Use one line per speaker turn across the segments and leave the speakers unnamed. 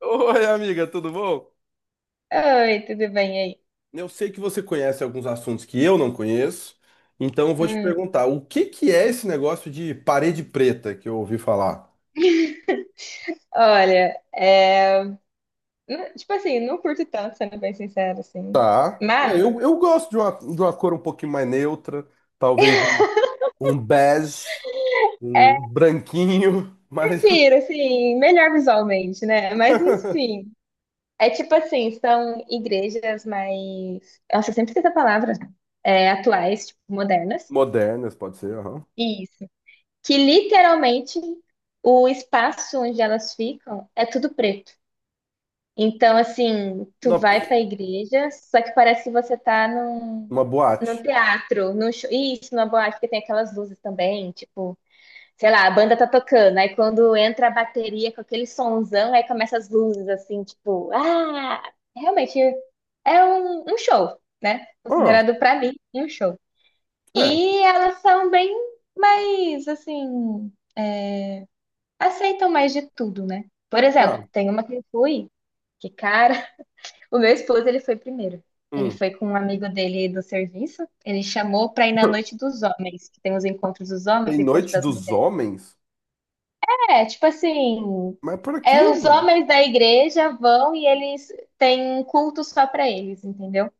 Oi, amiga, tudo bom?
Oi, tudo bem aí?
Eu sei que você conhece alguns assuntos que eu não conheço, então eu vou te
Hum.
perguntar, o que que é esse negócio de parede preta que eu ouvi falar?
Olha, tipo assim, não curto tanto, sendo bem sincero, assim.
Tá. É,
Mas
eu gosto de uma cor um pouquinho mais neutra, talvez um, um bege,
é,
um branquinho, mas
prefiro, assim, melhor visualmente, né? Mas enfim. É tipo assim, são igrejas mais. Nossa, eu sempre esqueço a palavra. É, atuais, tipo, modernas.
modernas pode ser, aham.
Isso. Que literalmente o espaço onde elas ficam é tudo preto. Então, assim, tu
Uma,
vai pra igreja, só que parece que você tá num,
uma boate.
num teatro, num show. Isso, numa boate, porque tem aquelas luzes também, tipo, sei lá, a banda tá tocando, aí quando entra a bateria com aquele sonzão, aí começa as luzes, assim, tipo, ah, realmente é um show, né?
Ah,
Considerado pra mim um show.
é,
E elas são bem mais, assim, é, aceitam mais de tudo, né? Por
tá.
exemplo, tem uma que eu fui, que cara. O meu esposo, ele foi primeiro. Ele
Hum.
foi com um amigo dele do serviço. Ele chamou pra ir na noite dos homens, que tem os encontros dos
Tem
homens, e encontro
Noite
das
dos
mulheres.
Homens?
É, tipo assim,
Mas por aqui,
é os
mano?
homens da igreja vão e eles têm um culto só pra eles, entendeu?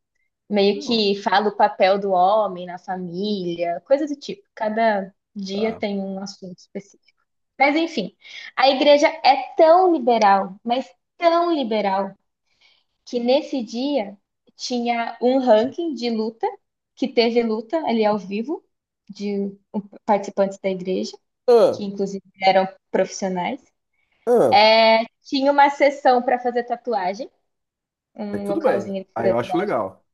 Meio
Não,
que fala o papel do homem na família, coisa do tipo. Cada dia
tá.
tem um assunto específico. Mas enfim, a igreja é tão liberal, mas tão liberal que nesse dia tinha um ranking de luta, que teve luta ali ao vivo, de participantes da igreja, que
Ah,
inclusive eram profissionais.
ah.
É, tinha uma sessão para fazer tatuagem,
Aí
um
tudo bem.
localzinho para
Aí
fazer
eu acho
tatuagem,
legal.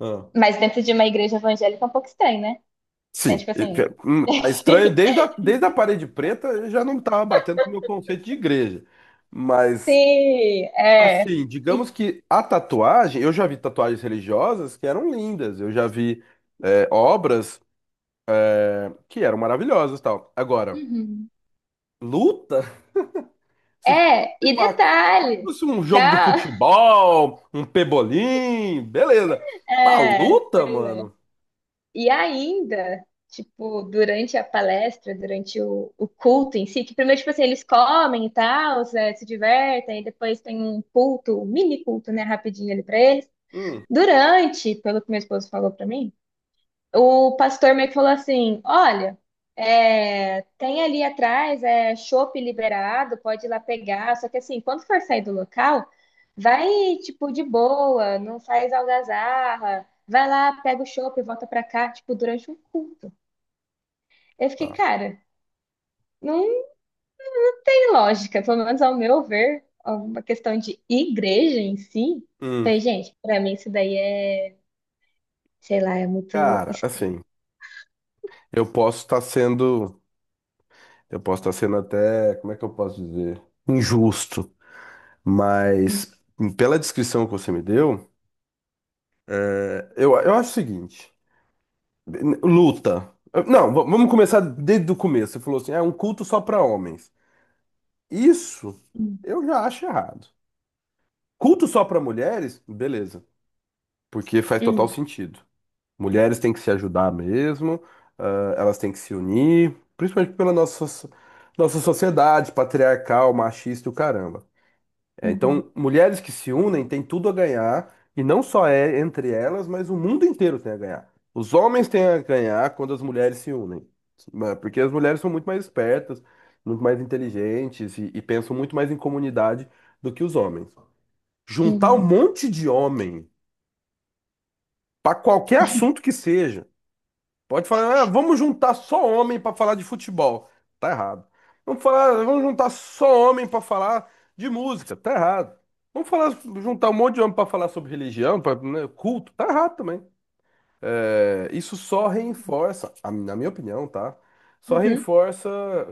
Ah,
mas dentro de uma igreja evangélica é um pouco estranho, né? Então,
sim,
tipo assim,
tá estranho desde a parede preta, eu já não estava batendo com o meu conceito de igreja. Mas,
sim, é.
assim,
E,
digamos que a tatuagem, eu já vi tatuagens religiosas que eram lindas, eu já vi obras que eram maravilhosas, e tal. Agora,
Uhum.
luta,
É, e
se
detalhe,
fosse um jogo de
calma,
futebol, um pebolim, beleza. Uma
é,
luta,
pois é.
mano.
E ainda, tipo, durante a palestra, durante o culto em si, que primeiro, tipo assim, eles comem e tal, se se divertem, e depois tem um culto, um mini culto, né, rapidinho ali pra eles.
Hum,
Durante, pelo que meu esposo falou pra mim, o pastor meio que falou assim: Olha, é, tem ali atrás é chopp liberado, pode ir lá pegar. Só que assim, quando for sair do local, vai tipo de boa, não faz algazarra, vai lá, pega o chopp e volta pra cá, tipo, durante um culto. Eu fiquei,
tá.
cara, não tem lógica, pelo menos ao meu ver, uma questão de igreja em si.
Hum.
Falei, gente, pra mim isso daí é, sei lá, é muito
Cara,
estranho.
assim. Eu posso estar sendo, eu posso estar sendo até, como é que eu posso dizer? Injusto, mas pela descrição que você me deu, eu acho o seguinte, luta. Não, vamos começar desde o começo. Você falou assim, é um culto só para homens. Isso
Hum,
eu já acho errado. Culto só para mulheres? Beleza, porque faz total
hum,
sentido. Mulheres têm que se ajudar mesmo, ah, elas têm que se unir, principalmente pela nossa sociedade patriarcal, machista e o caramba. É,
uhum,
então, mulheres que se unem têm tudo a ganhar, e não só é entre elas, mas o mundo inteiro tem a ganhar. Os homens têm a ganhar quando as mulheres se unem, porque as mulheres são muito mais espertas, muito mais inteligentes e pensam muito mais em comunidade do que os homens. Juntar um monte de homem para qualquer assunto que seja. Pode falar, "Ah, vamos juntar só homem para falar de futebol. Tá errado. Vamos juntar só homem para falar de música. Tá errado. Vamos falar, juntar um monte de homem para falar sobre religião, pra, né, culto. Tá errado também. É, isso só reforça, na minha opinião, tá? Só
uhum,
reforça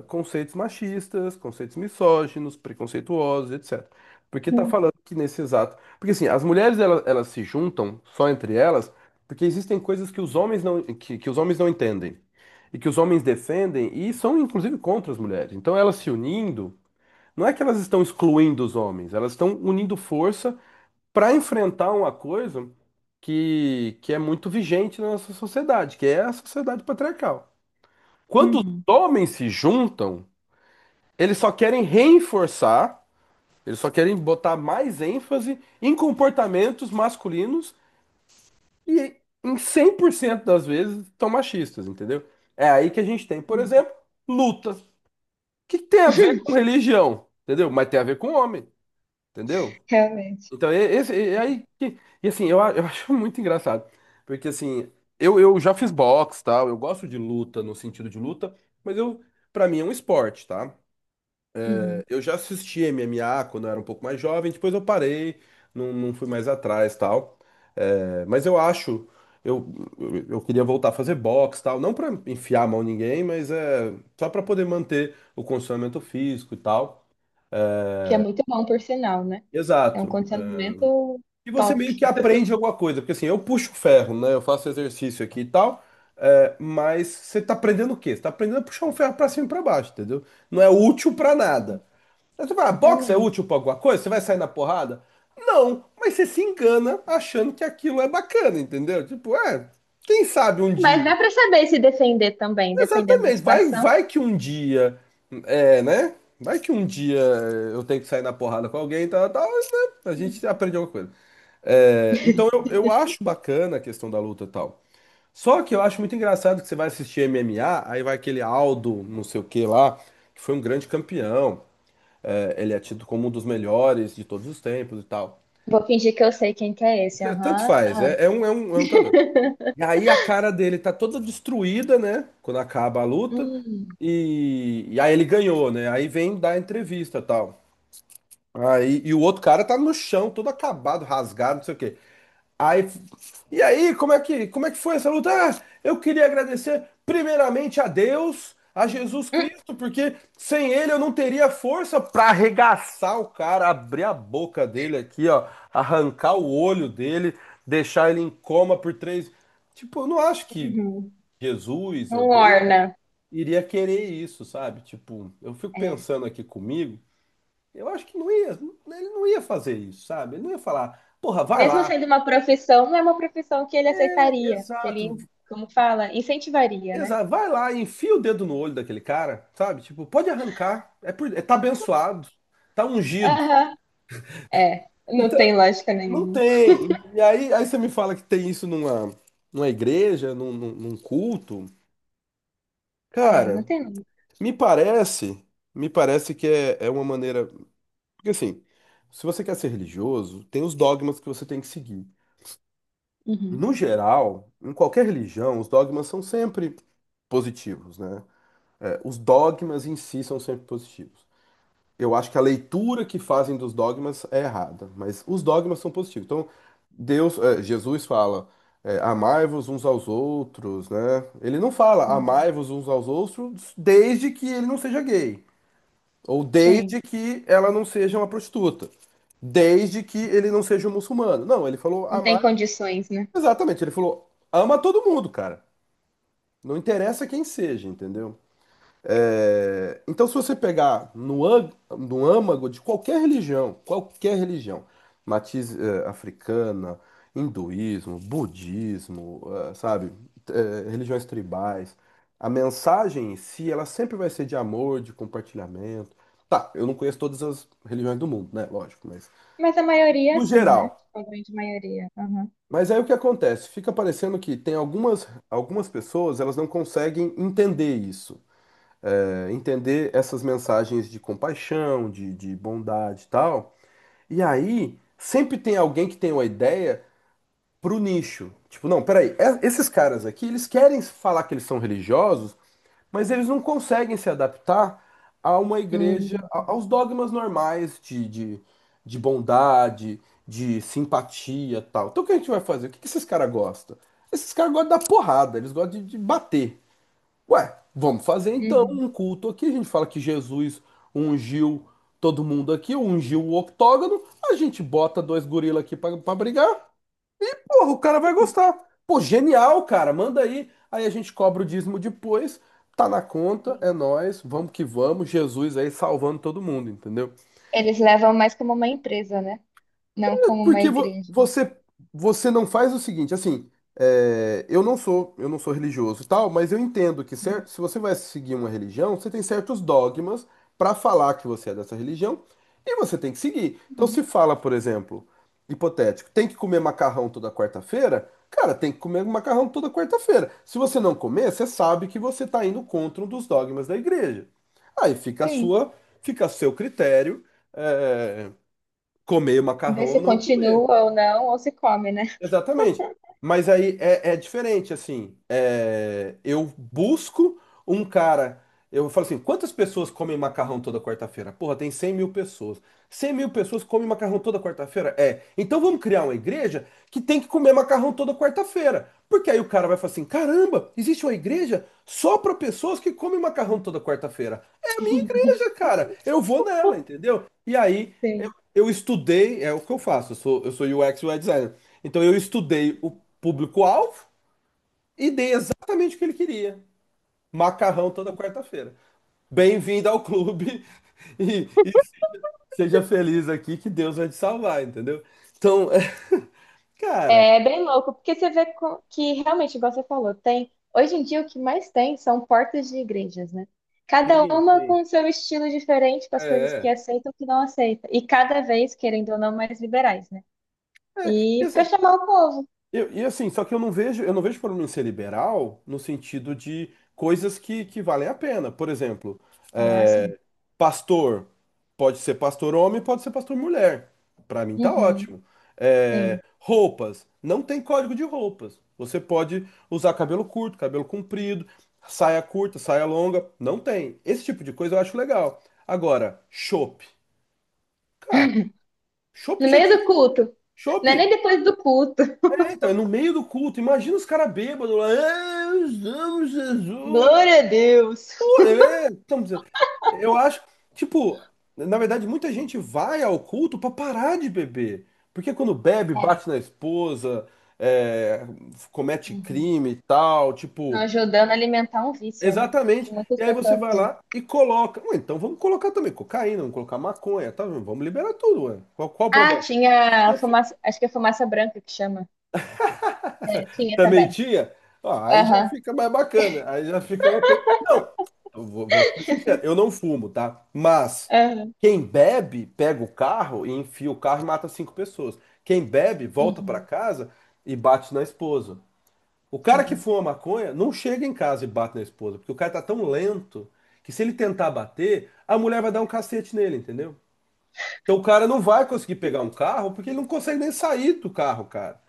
conceitos machistas, conceitos misóginos, preconceituosos, etc. Porque tá
uhum.
falando que nesse exato. Porque assim, as mulheres elas se juntam só entre elas porque existem coisas que os homens não, que os homens não entendem. E que os homens defendem e são inclusive contra as mulheres. Então elas se unindo, não é que elas estão excluindo os homens, elas estão unindo força para enfrentar uma coisa que é muito vigente na nossa sociedade, que é a sociedade patriarcal. Quando os
Uhum.
homens se juntam, eles só querem reforçar, eles só querem botar mais ênfase em comportamentos masculinos e em 100% das vezes são machistas, entendeu? É aí que a gente tem, por
Não.
exemplo, lutas. O que que tem a ver com religião, entendeu? Mas tem a ver com homem, entendeu?
Realmente.
Então, e aí, e assim, eu acho muito engraçado, porque assim, eu já fiz boxe, tal, eu gosto de luta, no sentido de luta, mas eu, pra mim é um esporte, tá?
Uhum.
Eu já assisti MMA quando eu era um pouco mais jovem, depois eu parei, não, não fui mais atrás, tal, mas eu acho, eu queria voltar a fazer boxe, tal, não pra enfiar a mão em ninguém, mas é só pra poder manter o condicionamento físico e tal.
Que é muito bom, por sinal, né? É um
Exato.
condicionamento
E você
top.
meio que aprende alguma coisa, porque assim, eu puxo ferro, né? Eu faço exercício aqui e tal, mas você tá aprendendo o quê? Você tá aprendendo a puxar um ferro pra cima e pra baixo, entendeu? Não é útil pra
Uhum.
nada. Aí você fala, ah, boxe é
Realmente.
útil pra alguma coisa? Você vai sair na porrada? Não, mas você se engana achando que aquilo é bacana, entendeu? Tipo, quem sabe um
Mas
dia.
dá pra saber se defender também, dependendo da
Exatamente. Vai,
situação.
vai que um dia, é, né? Vai que um dia eu tenho que sair na porrada com alguém, tal, tal, mas, né? A gente
Uhum.
aprende alguma coisa. Então eu acho bacana a questão da luta e tal. Só que eu acho muito engraçado que você vai assistir MMA, aí vai aquele Aldo, não sei o que lá, que foi um grande campeão. Ele é tido como um dos melhores de todos os tempos e tal.
Vou fingir que eu sei quem que é esse,
Tanto
aham.
faz,
Ah.
é um lutador. E aí a cara dele tá toda destruída, né? Quando acaba a luta.
Hum.
E aí ele ganhou, né? Aí vem dar a entrevista e tal. Aí, e o outro cara tá no chão, todo acabado, rasgado, não sei o quê. Aí, e aí, como é que foi essa luta? Ah, eu queria agradecer primeiramente a Deus, a Jesus
Hum.
Cristo, porque sem ele eu não teria força para arregaçar o cara, abrir a boca dele aqui, ó, arrancar o olho dele, deixar ele em coma por três. Tipo, eu não acho que
Uhum.
Jesus ou
Não
Deus
orna.
iria querer isso, sabe? Tipo, eu fico
É.
pensando aqui comigo, eu acho que não ia, ele não ia fazer isso, sabe? Ele não ia falar, porra, vai
Mesmo
lá.
sendo uma profissão, não é uma profissão que ele aceitaria, que ele,
Exato.
como fala, incentivaria, né?
Exato. Vai lá e enfia o dedo no olho daquele cara, sabe? Tipo, pode arrancar. Tá abençoado, tá ungido.
Aham. É, não
Então,
tem lógica
não
nenhuma.
tem. E aí, você me fala que tem isso numa igreja, num culto.
É, não
Cara,
tem.
me parece, me parece que é uma maneira. Porque assim, se você quer ser religioso, tem os dogmas que você tem que seguir.
Uhum.
No geral, em qualquer religião, os dogmas são sempre positivos, né? Os dogmas em si são sempre positivos. Eu acho que a leitura que fazem dos dogmas é errada, mas os dogmas são positivos. Então, Deus, Jesus fala, amai-vos uns aos outros, né? Ele não fala
Uhum.
amai-vos uns aos outros desde que ele não seja gay, ou
Gente.
desde que ela não seja uma prostituta, desde que ele não seja um muçulmano. Não, ele falou
Não tem
amar,
condições, né?
exatamente, ele falou ama todo mundo, cara. Não interessa quem seja, entendeu? Então, se você pegar no âmago de qualquer religião, matiz africana, hinduísmo, budismo, sabe, religiões tribais, a mensagem em si, ela sempre vai ser de amor, de compartilhamento. Tá, eu não conheço todas as religiões do mundo, né? Lógico, mas
Mas a maioria, é
no
assim, né?
geral.
Tipo, a grande maioria. Aham.
Mas aí o que acontece? Fica parecendo que tem algumas pessoas, elas não conseguem entender isso, entender essas mensagens de compaixão, de bondade e tal. E aí, sempre tem alguém que tem uma ideia pro nicho. Tipo, não, peraí, esses caras aqui, eles querem falar que eles são religiosos, mas eles não conseguem se adaptar a uma igreja,
Hum,
aos dogmas normais de bondade, de simpatia e tal. Então o que a gente vai fazer? O que que esses caras gostam? Esses caras gostam da porrada, eles gostam de bater. Ué, vamos fazer então
uhum.
um culto aqui. A gente fala que Jesus ungiu todo mundo aqui, ungiu o octógono. A gente bota dois gorila aqui pra brigar. Porra, o cara vai gostar. Pô, genial, cara. Manda aí. Aí a gente cobra o dízimo depois. Tá na conta,
Sim.
é nós. Vamos que vamos. Jesus aí salvando todo mundo, entendeu?
Eles levam mais como uma empresa, né? Não como uma
Porque vo-
igreja.
você você não faz o seguinte, assim, eu não sou religioso e tal, mas eu entendo que certo, se você vai seguir uma religião, você tem certos dogmas para falar que você é dessa religião e você tem que seguir. Então,
Uhum.
se fala, por exemplo, hipotético, tem que comer macarrão toda quarta-feira, cara, tem que comer macarrão toda quarta-feira. Se você não comer, você sabe que você está indo contra um dos dogmas da igreja. Aí
Sim.
fica a seu critério, é, comer macarrão
Ver se
ou não comer.
continua ou não, ou se come, né?
Exatamente. Mas aí é diferente, assim. Eu busco um cara. Eu falo assim: quantas pessoas comem macarrão toda quarta-feira? Porra, tem 100 mil pessoas. 100 mil pessoas comem macarrão toda quarta-feira? É. Então vamos criar uma igreja que tem que comer macarrão toda quarta-feira. Porque aí o cara vai falar assim: caramba, existe uma igreja só para pessoas que comem macarrão toda quarta-feira. É a minha igreja, cara. Eu vou nela, entendeu? E aí.
Sim.
Eu estudei, é o que eu faço, eu sou UX e UI designer. Então eu estudei o público-alvo e dei exatamente o que ele queria. Macarrão toda quarta-feira. Bem-vindo ao clube e seja feliz aqui que Deus vai te salvar, entendeu? Então, cara,
É bem louco, porque você vê co- que realmente, igual você falou, tem. Hoje em dia o que mais tem são portas de igrejas, né? Cada
sim,
uma
sim.
com seu estilo diferente, com as coisas que
é,
aceita e o que não aceita. E cada vez, querendo ou não, mais liberais, né?
é, é.
E
isso-
para chamar o povo.
E assim, só que eu não vejo problema em ser liberal no sentido de coisas que valem a pena. Por exemplo,
Ah, sim.
é, pastor pode ser pastor homem, pode ser pastor mulher. Pra mim tá
Uhum.
ótimo.
Sim.
Roupas, não tem código de roupas. Você pode usar cabelo curto, cabelo comprido, saia curta, saia longa, não tem. Esse tipo de coisa eu acho legal. Agora, chopp. Cara, chopp
No
já
meio
tinha.
do culto.
Chopp!
Não é nem depois do culto.
Então, é no meio do culto. Imagina os caras bêbados lá. Nós amamos Jesus.
Glória a Deus.
Pô, eu acho, tipo, na verdade, muita gente vai ao culto pra parar de beber. Porque quando bebe,
É.
bate na esposa, é, comete
Uhum.
crime e tal,
Não,
tipo,
ajudando a alimentar um vício, né? Que
exatamente.
muitas
E aí você
pessoas
vai
têm.
lá e coloca. Ué, então vamos colocar também cocaína, vamos colocar maconha, tá? Vamos liberar tudo, ué. Qual o
Ah,
problema? Por
tinha a
que?
fumaça, acho que é fumaça branca que chama. É, tinha
Também
também.
tinha? Ó, aí já
Aham.
fica mais bacana. Aí já fica uma coisa. Não, eu vou ser sincero, eu não fumo, tá? Mas
Aham.
quem bebe, pega o carro e enfia o carro e mata cinco pessoas. Quem bebe, volta pra
Uhum,
casa e bate na esposa. O cara que
sim.
fuma maconha não chega em casa e bate na esposa, porque o cara tá tão lento que se ele tentar bater, a mulher vai dar um cacete nele, entendeu? Então o cara não vai conseguir pegar um carro porque ele não consegue nem sair do carro, cara.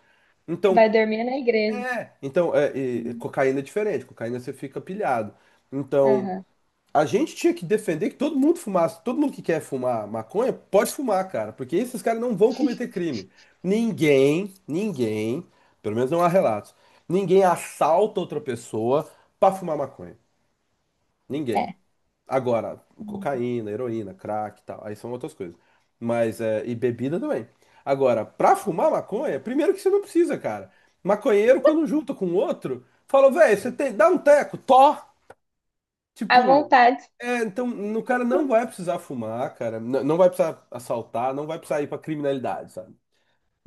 Então,
Vai dormir na igreja.
e
Uhum.
cocaína é diferente, cocaína você fica pilhado. Então,
Aham.
a gente tinha que defender que todo mundo fumasse, todo mundo que quer fumar maconha pode fumar, cara, porque esses caras não vão cometer crime. Ninguém, ninguém, pelo menos não há relatos, ninguém assalta outra pessoa pra fumar maconha. Ninguém.
É.
Agora,
Uhum.
cocaína, heroína, crack e tal, aí são outras coisas. Mas, e bebida também. Agora, pra fumar maconha, primeiro que você não precisa, cara. Maconheiro, quando junta com outro, fala, velho, você tem, dá um teco, tó.
À
Tipo,
vontade.
então, o cara não vai precisar fumar, cara. Não vai precisar assaltar, não vai precisar ir pra criminalidade, sabe?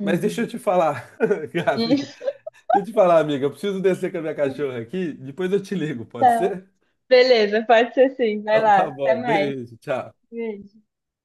Mas deixa eu te falar, Gabi, deixa eu te falar, amiga, eu preciso descer com a minha cachorra aqui, depois eu te ligo, pode
Tá.
ser?
Beleza, pode ser sim. Vai
Então
lá.
tá
Até
bom,
mais.
beijo, tchau.
Beijo.